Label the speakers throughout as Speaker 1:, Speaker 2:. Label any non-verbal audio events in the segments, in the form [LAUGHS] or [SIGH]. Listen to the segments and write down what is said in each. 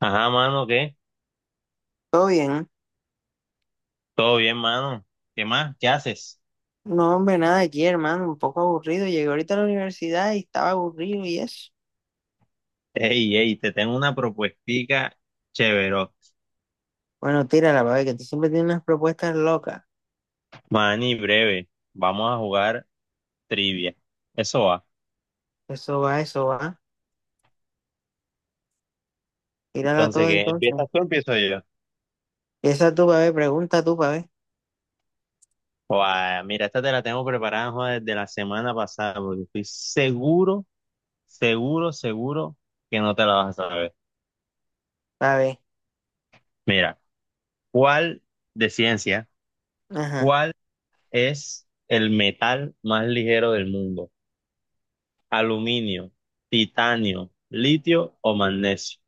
Speaker 1: Ajá, mano, ¿qué?
Speaker 2: Todo bien.
Speaker 1: Todo bien, mano. ¿Qué más? ¿Qué haces?
Speaker 2: No, hombre, nada aquí, hermano. Un poco aburrido. Llegué ahorita a la universidad y estaba aburrido y eso.
Speaker 1: Ey, ey, te tengo una propuestica chévere.
Speaker 2: Bueno, tírala, para ver que tú siempre tienes unas propuestas locas.
Speaker 1: Mani, breve. Vamos a jugar trivia. Eso va.
Speaker 2: Eso va, eso va. Tírala
Speaker 1: Entonces,
Speaker 2: todo
Speaker 1: ¿qué?
Speaker 2: entonces.
Speaker 1: ¿Empiezas tú o empiezo yo?
Speaker 2: Esa tú, para ver, pregunta tú, para ver.
Speaker 1: Guau, mira, esta te la tengo preparada joder, desde la semana pasada, porque estoy seguro, seguro, seguro que no te la vas a saber.
Speaker 2: Para ver.
Speaker 1: Mira, ¿cuál de ciencia?
Speaker 2: Ajá.
Speaker 1: ¿Cuál es el metal más ligero del mundo? Aluminio, titanio, litio o magnesio.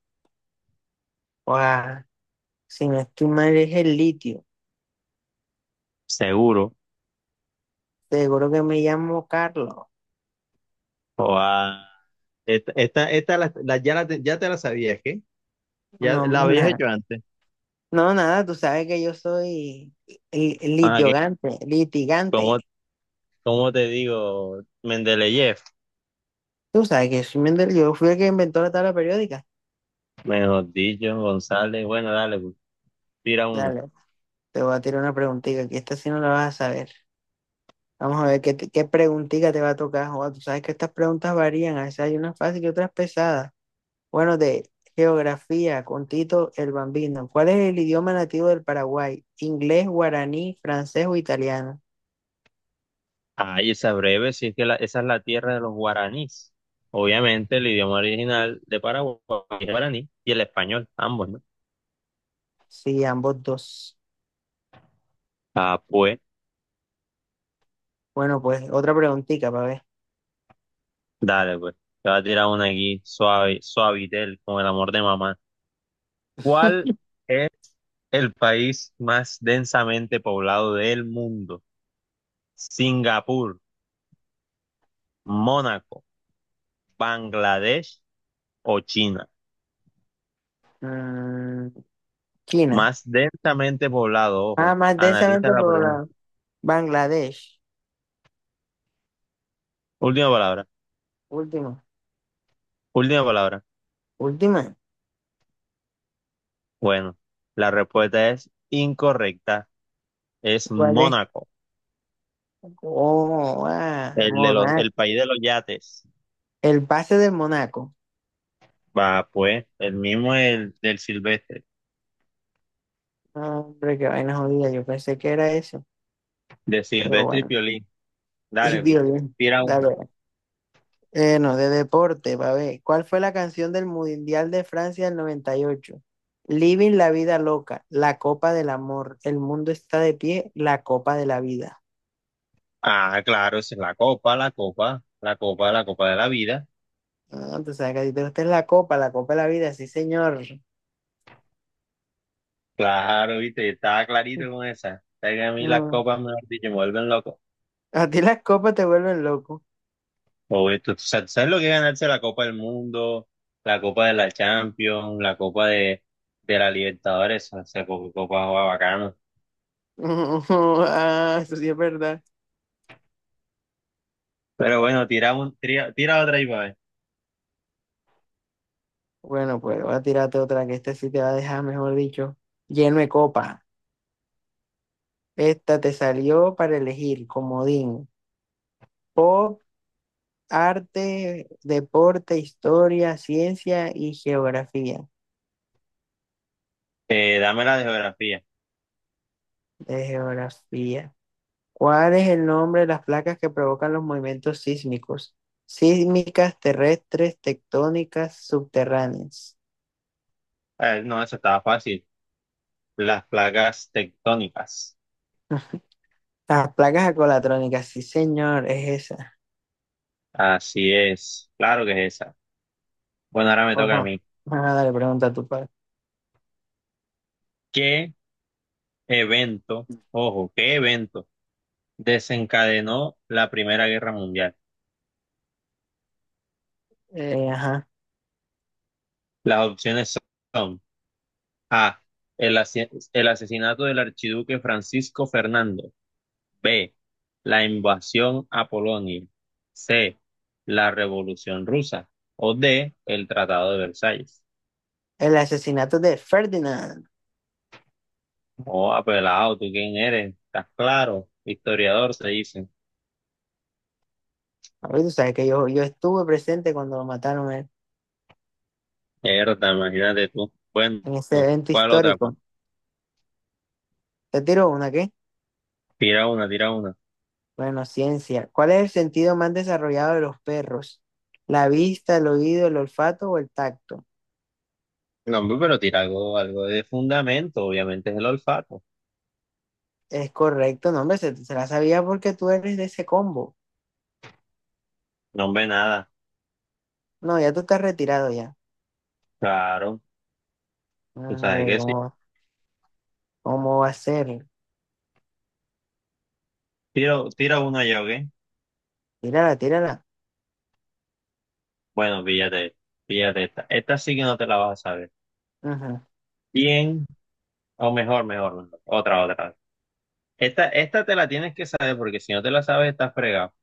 Speaker 2: Guau. Si no estoy mal, es el litio.
Speaker 1: Seguro.
Speaker 2: Seguro que me llamo Carlos.
Speaker 1: O a esta ya te la sabías, ¿qué? Ya
Speaker 2: No,
Speaker 1: la
Speaker 2: hombre, [LAUGHS]
Speaker 1: habías
Speaker 2: nada.
Speaker 1: hecho antes.
Speaker 2: No, nada, tú sabes que yo soy
Speaker 1: Ah, que
Speaker 2: litigante,
Speaker 1: ¿Cómo,
Speaker 2: litigante.
Speaker 1: cómo te digo? Mendeleyev,
Speaker 2: Tú sabes que soy Mendel, yo fui el que inventó la tabla periódica.
Speaker 1: mejor dicho, González. Bueno, dale, pues, tira una.
Speaker 2: Dale. Te voy a tirar una preguntita, que esta sí no la vas a saber. Vamos a ver qué, qué preguntita te va a tocar, Joa. Tú sabes que estas preguntas varían, a veces hay unas fáciles y otras pesadas. Bueno, de geografía, con Tito el Bambino. ¿Cuál es el idioma nativo del Paraguay? ¿Inglés, guaraní, francés o italiano?
Speaker 1: Ay, esa breve, sí es que esa es la tierra de los guaraníes. Obviamente, el idioma original de Paraguay es el guaraní y el español, ambos, ¿no?
Speaker 2: Sí, ambos dos.
Speaker 1: Ah, pues.
Speaker 2: Bueno, pues otra preguntita para ver.
Speaker 1: Dale, pues. Te voy a tirar una aquí, suave, suavitel, con el amor de mamá. ¿Cuál es el país más densamente poblado del mundo? ¿Singapur, Mónaco, Bangladesh o China?
Speaker 2: Mm, China.
Speaker 1: Más densamente poblado,
Speaker 2: Ah,
Speaker 1: ojo.
Speaker 2: más
Speaker 1: Analiza
Speaker 2: densamente
Speaker 1: la pregunta.
Speaker 2: poblada. Bangladesh.
Speaker 1: Última palabra.
Speaker 2: Última.
Speaker 1: Última palabra.
Speaker 2: Última.
Speaker 1: Bueno, la respuesta es incorrecta. Es
Speaker 2: ¿Cuál es?
Speaker 1: Mónaco,
Speaker 2: Oh, ah,
Speaker 1: el de los,
Speaker 2: Monaco.
Speaker 1: el país de los yates.
Speaker 2: El pase del Monaco.
Speaker 1: Va, pues, el mismo el del Silvestre.
Speaker 2: Ah, hombre, qué vaina jodida. Yo pensé que era eso,
Speaker 1: De
Speaker 2: pero
Speaker 1: Silvestre y
Speaker 2: bueno.
Speaker 1: Piolín.
Speaker 2: [LAUGHS] Y
Speaker 1: Dale, pues.
Speaker 2: violín.
Speaker 1: Tira una.
Speaker 2: Dale. No, de deporte, va a ver. ¿Cuál fue la canción del Mundial de Francia del 98? Living la vida loca, la copa del amor, el mundo está de pie, la copa de la vida.
Speaker 1: Ah, claro, esa es la copa, la copa, la copa, la copa de la vida.
Speaker 2: Ah, tú sabes que a ti te gusta la copa de la vida, sí, señor.
Speaker 1: Claro, viste, estaba clarito con
Speaker 2: [LAUGHS]
Speaker 1: esa. Es que a mí las
Speaker 2: Mm.
Speaker 1: copas, mejor dicho, me vuelven loco.
Speaker 2: A ti las copas te vuelven loco.
Speaker 1: O esto, tú sabes lo que es ganarse la Copa del Mundo, la Copa de la Champions, la Copa de la Libertadores, o sea, copa juega bacano.
Speaker 2: [LAUGHS] Ah, eso sí es verdad.
Speaker 1: Pero bueno, tira otra y va a ver.
Speaker 2: Bueno, pues voy a tirarte otra que este sí te va a dejar, mejor dicho, lleno de copa. Esta te salió para elegir comodín, pop, arte, deporte, historia, ciencia y geografía.
Speaker 1: Dame la de geografía.
Speaker 2: De geografía. ¿Cuál es el nombre de las placas que provocan los movimientos sísmicos? Sísmicas, terrestres, tectónicas, subterráneas.
Speaker 1: No, eso estaba fácil. Las placas tectónicas.
Speaker 2: [LAUGHS] Las placas acolatrónicas, sí señor, es esa.
Speaker 1: Así es, claro que es esa. Bueno, ahora me
Speaker 2: ¿O
Speaker 1: toca a
Speaker 2: no?
Speaker 1: mí.
Speaker 2: Vamos a pregunta a tu padre.
Speaker 1: ¿Qué evento, ojo, qué evento desencadenó la Primera Guerra Mundial?
Speaker 2: Ajá.
Speaker 1: Las opciones son A, el, asi- el asesinato del archiduque Francisco Fernando, B, la invasión a Polonia, C, la Revolución Rusa o D, el Tratado de Versalles.
Speaker 2: El asesinato de Ferdinand.
Speaker 1: Oh, apelado, ¿tú quién eres? ¿Estás claro? Historiador, se dice.
Speaker 2: Ahorita tú sabes que yo estuve presente cuando lo mataron en,
Speaker 1: Mierda, imagínate tú. Bueno,
Speaker 2: en ese evento
Speaker 1: ¿cuál otra? Pues
Speaker 2: histórico. Te tiro una, ¿qué?
Speaker 1: tira una, tira una.
Speaker 2: Bueno, ciencia. ¿Cuál es el sentido más desarrollado de los perros? ¿La vista, el oído, el olfato o el tacto?
Speaker 1: No, hombre, pero tira algo, algo de fundamento, obviamente es el olfato.
Speaker 2: Es correcto, no, hombre, se la sabía porque tú eres de ese combo.
Speaker 1: No, hombre, nada.
Speaker 2: No, ya tú estás retirado ya.
Speaker 1: Claro, tú sabes
Speaker 2: Hombre,
Speaker 1: que sí.
Speaker 2: ¿cómo va a ser?
Speaker 1: Tira, tira una ya, ¿ok?
Speaker 2: Tírala, tírala.
Speaker 1: Bueno, píllate, píllate esta. Esta sí que no te la vas a saber.
Speaker 2: Ujú,
Speaker 1: Bien, o mejor, mejor, mejor. Otra, otra. Esta te la tienes que saber porque si no te la sabes, estás fregado.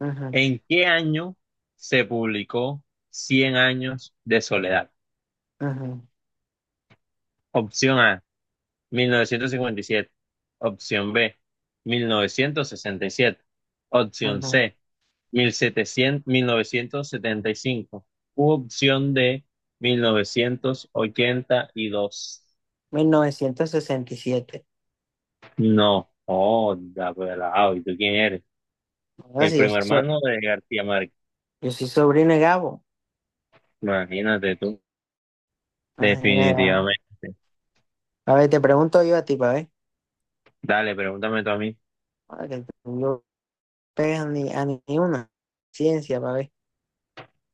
Speaker 2: ujú,
Speaker 1: ¿En qué año se publicó Cien años de soledad?
Speaker 2: ujú,
Speaker 1: Opción A, 1957; opción B, 1967; opción
Speaker 2: ujú.
Speaker 1: C, 1700, 1975; u opción D, 1982.
Speaker 2: 1967.
Speaker 1: No, oh, da pelado. ¿Y tú quién eres?
Speaker 2: Ahora
Speaker 1: El
Speaker 2: sí,
Speaker 1: primo hermano de García Márquez.
Speaker 2: yo soy sobrino de Gabo.
Speaker 1: Imagínate tú.
Speaker 2: Ajá, mira.
Speaker 1: Definitivamente.
Speaker 2: A ver, te pregunto yo a ti, pa ver.
Speaker 1: Dale, pregúntame tú a mí.
Speaker 2: Para que no pegas ni una. Ciencia, pa ver.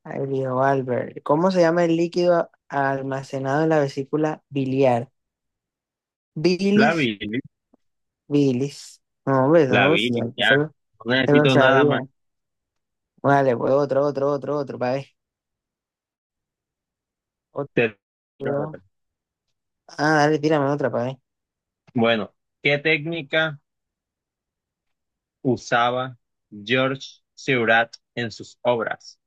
Speaker 2: Ahí dijo Albert. ¿Cómo se llama el líquido almacenado en la vesícula biliar?
Speaker 1: La
Speaker 2: Bilis,
Speaker 1: vi,
Speaker 2: bilis. No, hombre,
Speaker 1: la
Speaker 2: no,
Speaker 1: vi,
Speaker 2: sí, ya
Speaker 1: ya.
Speaker 2: se lo,
Speaker 1: No
Speaker 2: se lo
Speaker 1: necesito nada más.
Speaker 2: sabía. Vale, pues otro, otro, otro, otro, pa ver.
Speaker 1: Te tiro
Speaker 2: Otro.
Speaker 1: otra.
Speaker 2: Ah, dale, tírame otra, pa ver.
Speaker 1: Bueno, ¿qué técnica usaba Georges Seurat en sus obras?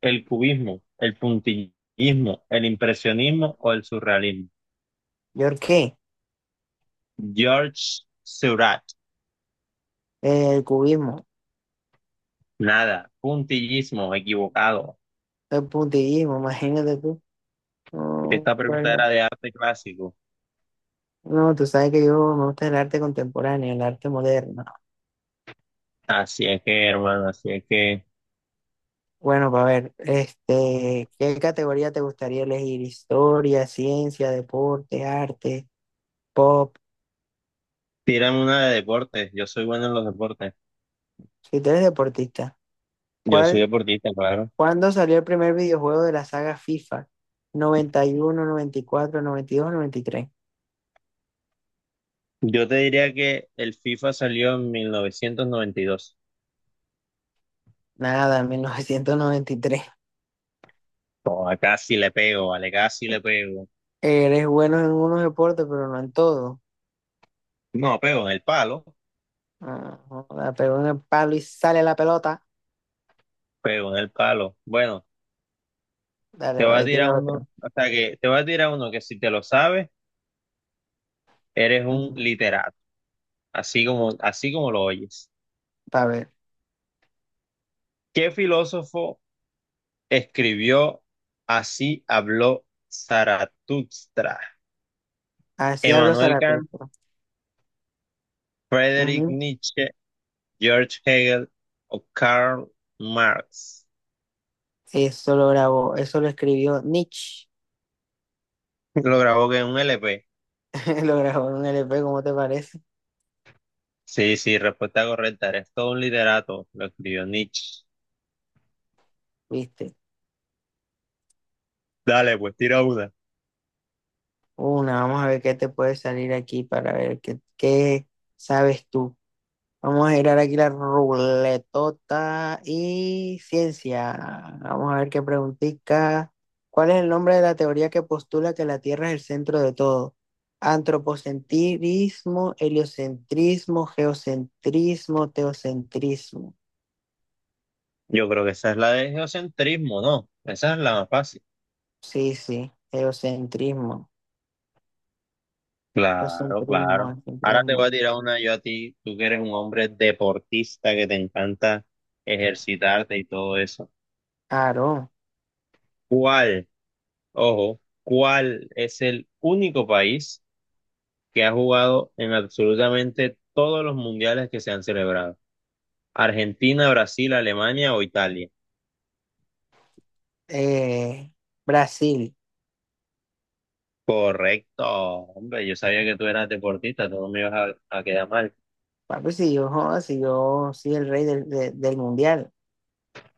Speaker 1: ¿El cubismo, el puntillismo, el impresionismo o el surrealismo?
Speaker 2: ¿Yo qué?
Speaker 1: Georges Seurat,
Speaker 2: El cubismo,
Speaker 1: nada, puntillismo, equivocado.
Speaker 2: el puntillismo, imagínate tú. No,
Speaker 1: Esta pregunta era
Speaker 2: bueno.
Speaker 1: de arte clásico.
Speaker 2: No, tú sabes que yo me gusta el arte contemporáneo, el arte moderno.
Speaker 1: Así es que, hermano, así es que.
Speaker 2: Bueno, para ver, este, ¿qué categoría te gustaría elegir? Historia, ciencia, deporte, arte, pop.
Speaker 1: Tírame una de deportes. Yo soy bueno en los deportes.
Speaker 2: Si tú eres deportista,
Speaker 1: Yo soy
Speaker 2: ¿cuál,
Speaker 1: deportista, claro.
Speaker 2: cuándo salió el primer videojuego de la saga FIFA? Noventa, noventa, noventa y uno, cuatro, dos, noventa y tres.
Speaker 1: Yo te diría que el FIFA salió en 1992.
Speaker 2: Nada, [LAUGHS] 1993.
Speaker 1: Oh, casi le pego, vale, casi le pego.
Speaker 2: Eres bueno en unos deportes, pero no en todo.
Speaker 1: No, pego en el palo.
Speaker 2: Ah, joda, pegó en el palo y sale la pelota.
Speaker 1: Pero en el palo. Bueno,
Speaker 2: Dale,
Speaker 1: te voy a
Speaker 2: va,
Speaker 1: tirar
Speaker 2: tira
Speaker 1: uno,
Speaker 2: otro.
Speaker 1: o sea que te voy a tirar uno que si te lo sabes, eres un
Speaker 2: Ujú.
Speaker 1: literato, así como lo oyes.
Speaker 2: Pa' ver.
Speaker 1: ¿Qué filósofo escribió Así habló Zaratustra?
Speaker 2: Así habló
Speaker 1: ¿Emmanuel Kant,
Speaker 2: Zaratustra.
Speaker 1: Friedrich
Speaker 2: Ujú.
Speaker 1: Nietzsche, George Hegel o Karl Marx?
Speaker 2: Eso lo grabó, eso lo escribió Nietzsche.
Speaker 1: Lo grabó que en un LP.
Speaker 2: [LAUGHS] Lo grabó en un LP, ¿cómo te parece?
Speaker 1: Sí, sí, respuesta correcta. Eres todo un literato. Lo escribió Nietzsche.
Speaker 2: ¿Viste?
Speaker 1: Dale, pues tira una.
Speaker 2: Una, vamos a ver qué te puede salir aquí para ver qué sabes tú. Vamos a girar aquí la ruletota y ciencia. Vamos a ver qué preguntica. ¿Cuál es el nombre de la teoría que postula que la Tierra es el centro de todo? Antropocentrismo, heliocentrismo, geocentrismo, teocentrismo.
Speaker 1: Yo creo que esa es la de geocentrismo, ¿no? Esa es la más fácil.
Speaker 2: Sí, sí, eurocentrismo,
Speaker 1: Claro,
Speaker 2: eurocentrismo,
Speaker 1: claro. Ahora te
Speaker 2: eurocentrismo.
Speaker 1: voy a tirar una yo a ti, tú que eres un hombre deportista que te encanta ejercitarte y todo eso.
Speaker 2: Claro,
Speaker 1: ¿Cuál, ojo, cuál es el único país que ha jugado en absolutamente todos los mundiales que se han celebrado? ¿Argentina, Brasil, Alemania o Italia?
Speaker 2: eh, Brasil.
Speaker 1: Correcto, hombre, yo sabía que tú eras deportista, tú no me ibas a quedar mal.
Speaker 2: Papi, si yo, joda, si yo soy el rey del mundial.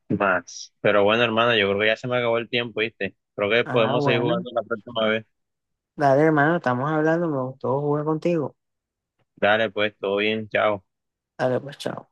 Speaker 1: Más. Pero bueno, hermano, yo creo que ya se me acabó el tiempo, ¿viste? Creo que
Speaker 2: Ah,
Speaker 1: podemos seguir
Speaker 2: bueno.
Speaker 1: jugando la próxima vez.
Speaker 2: Dale, hermano, estamos hablando, me gustó jugar contigo.
Speaker 1: Dale, pues, todo bien, chao.
Speaker 2: Dale, pues, chao.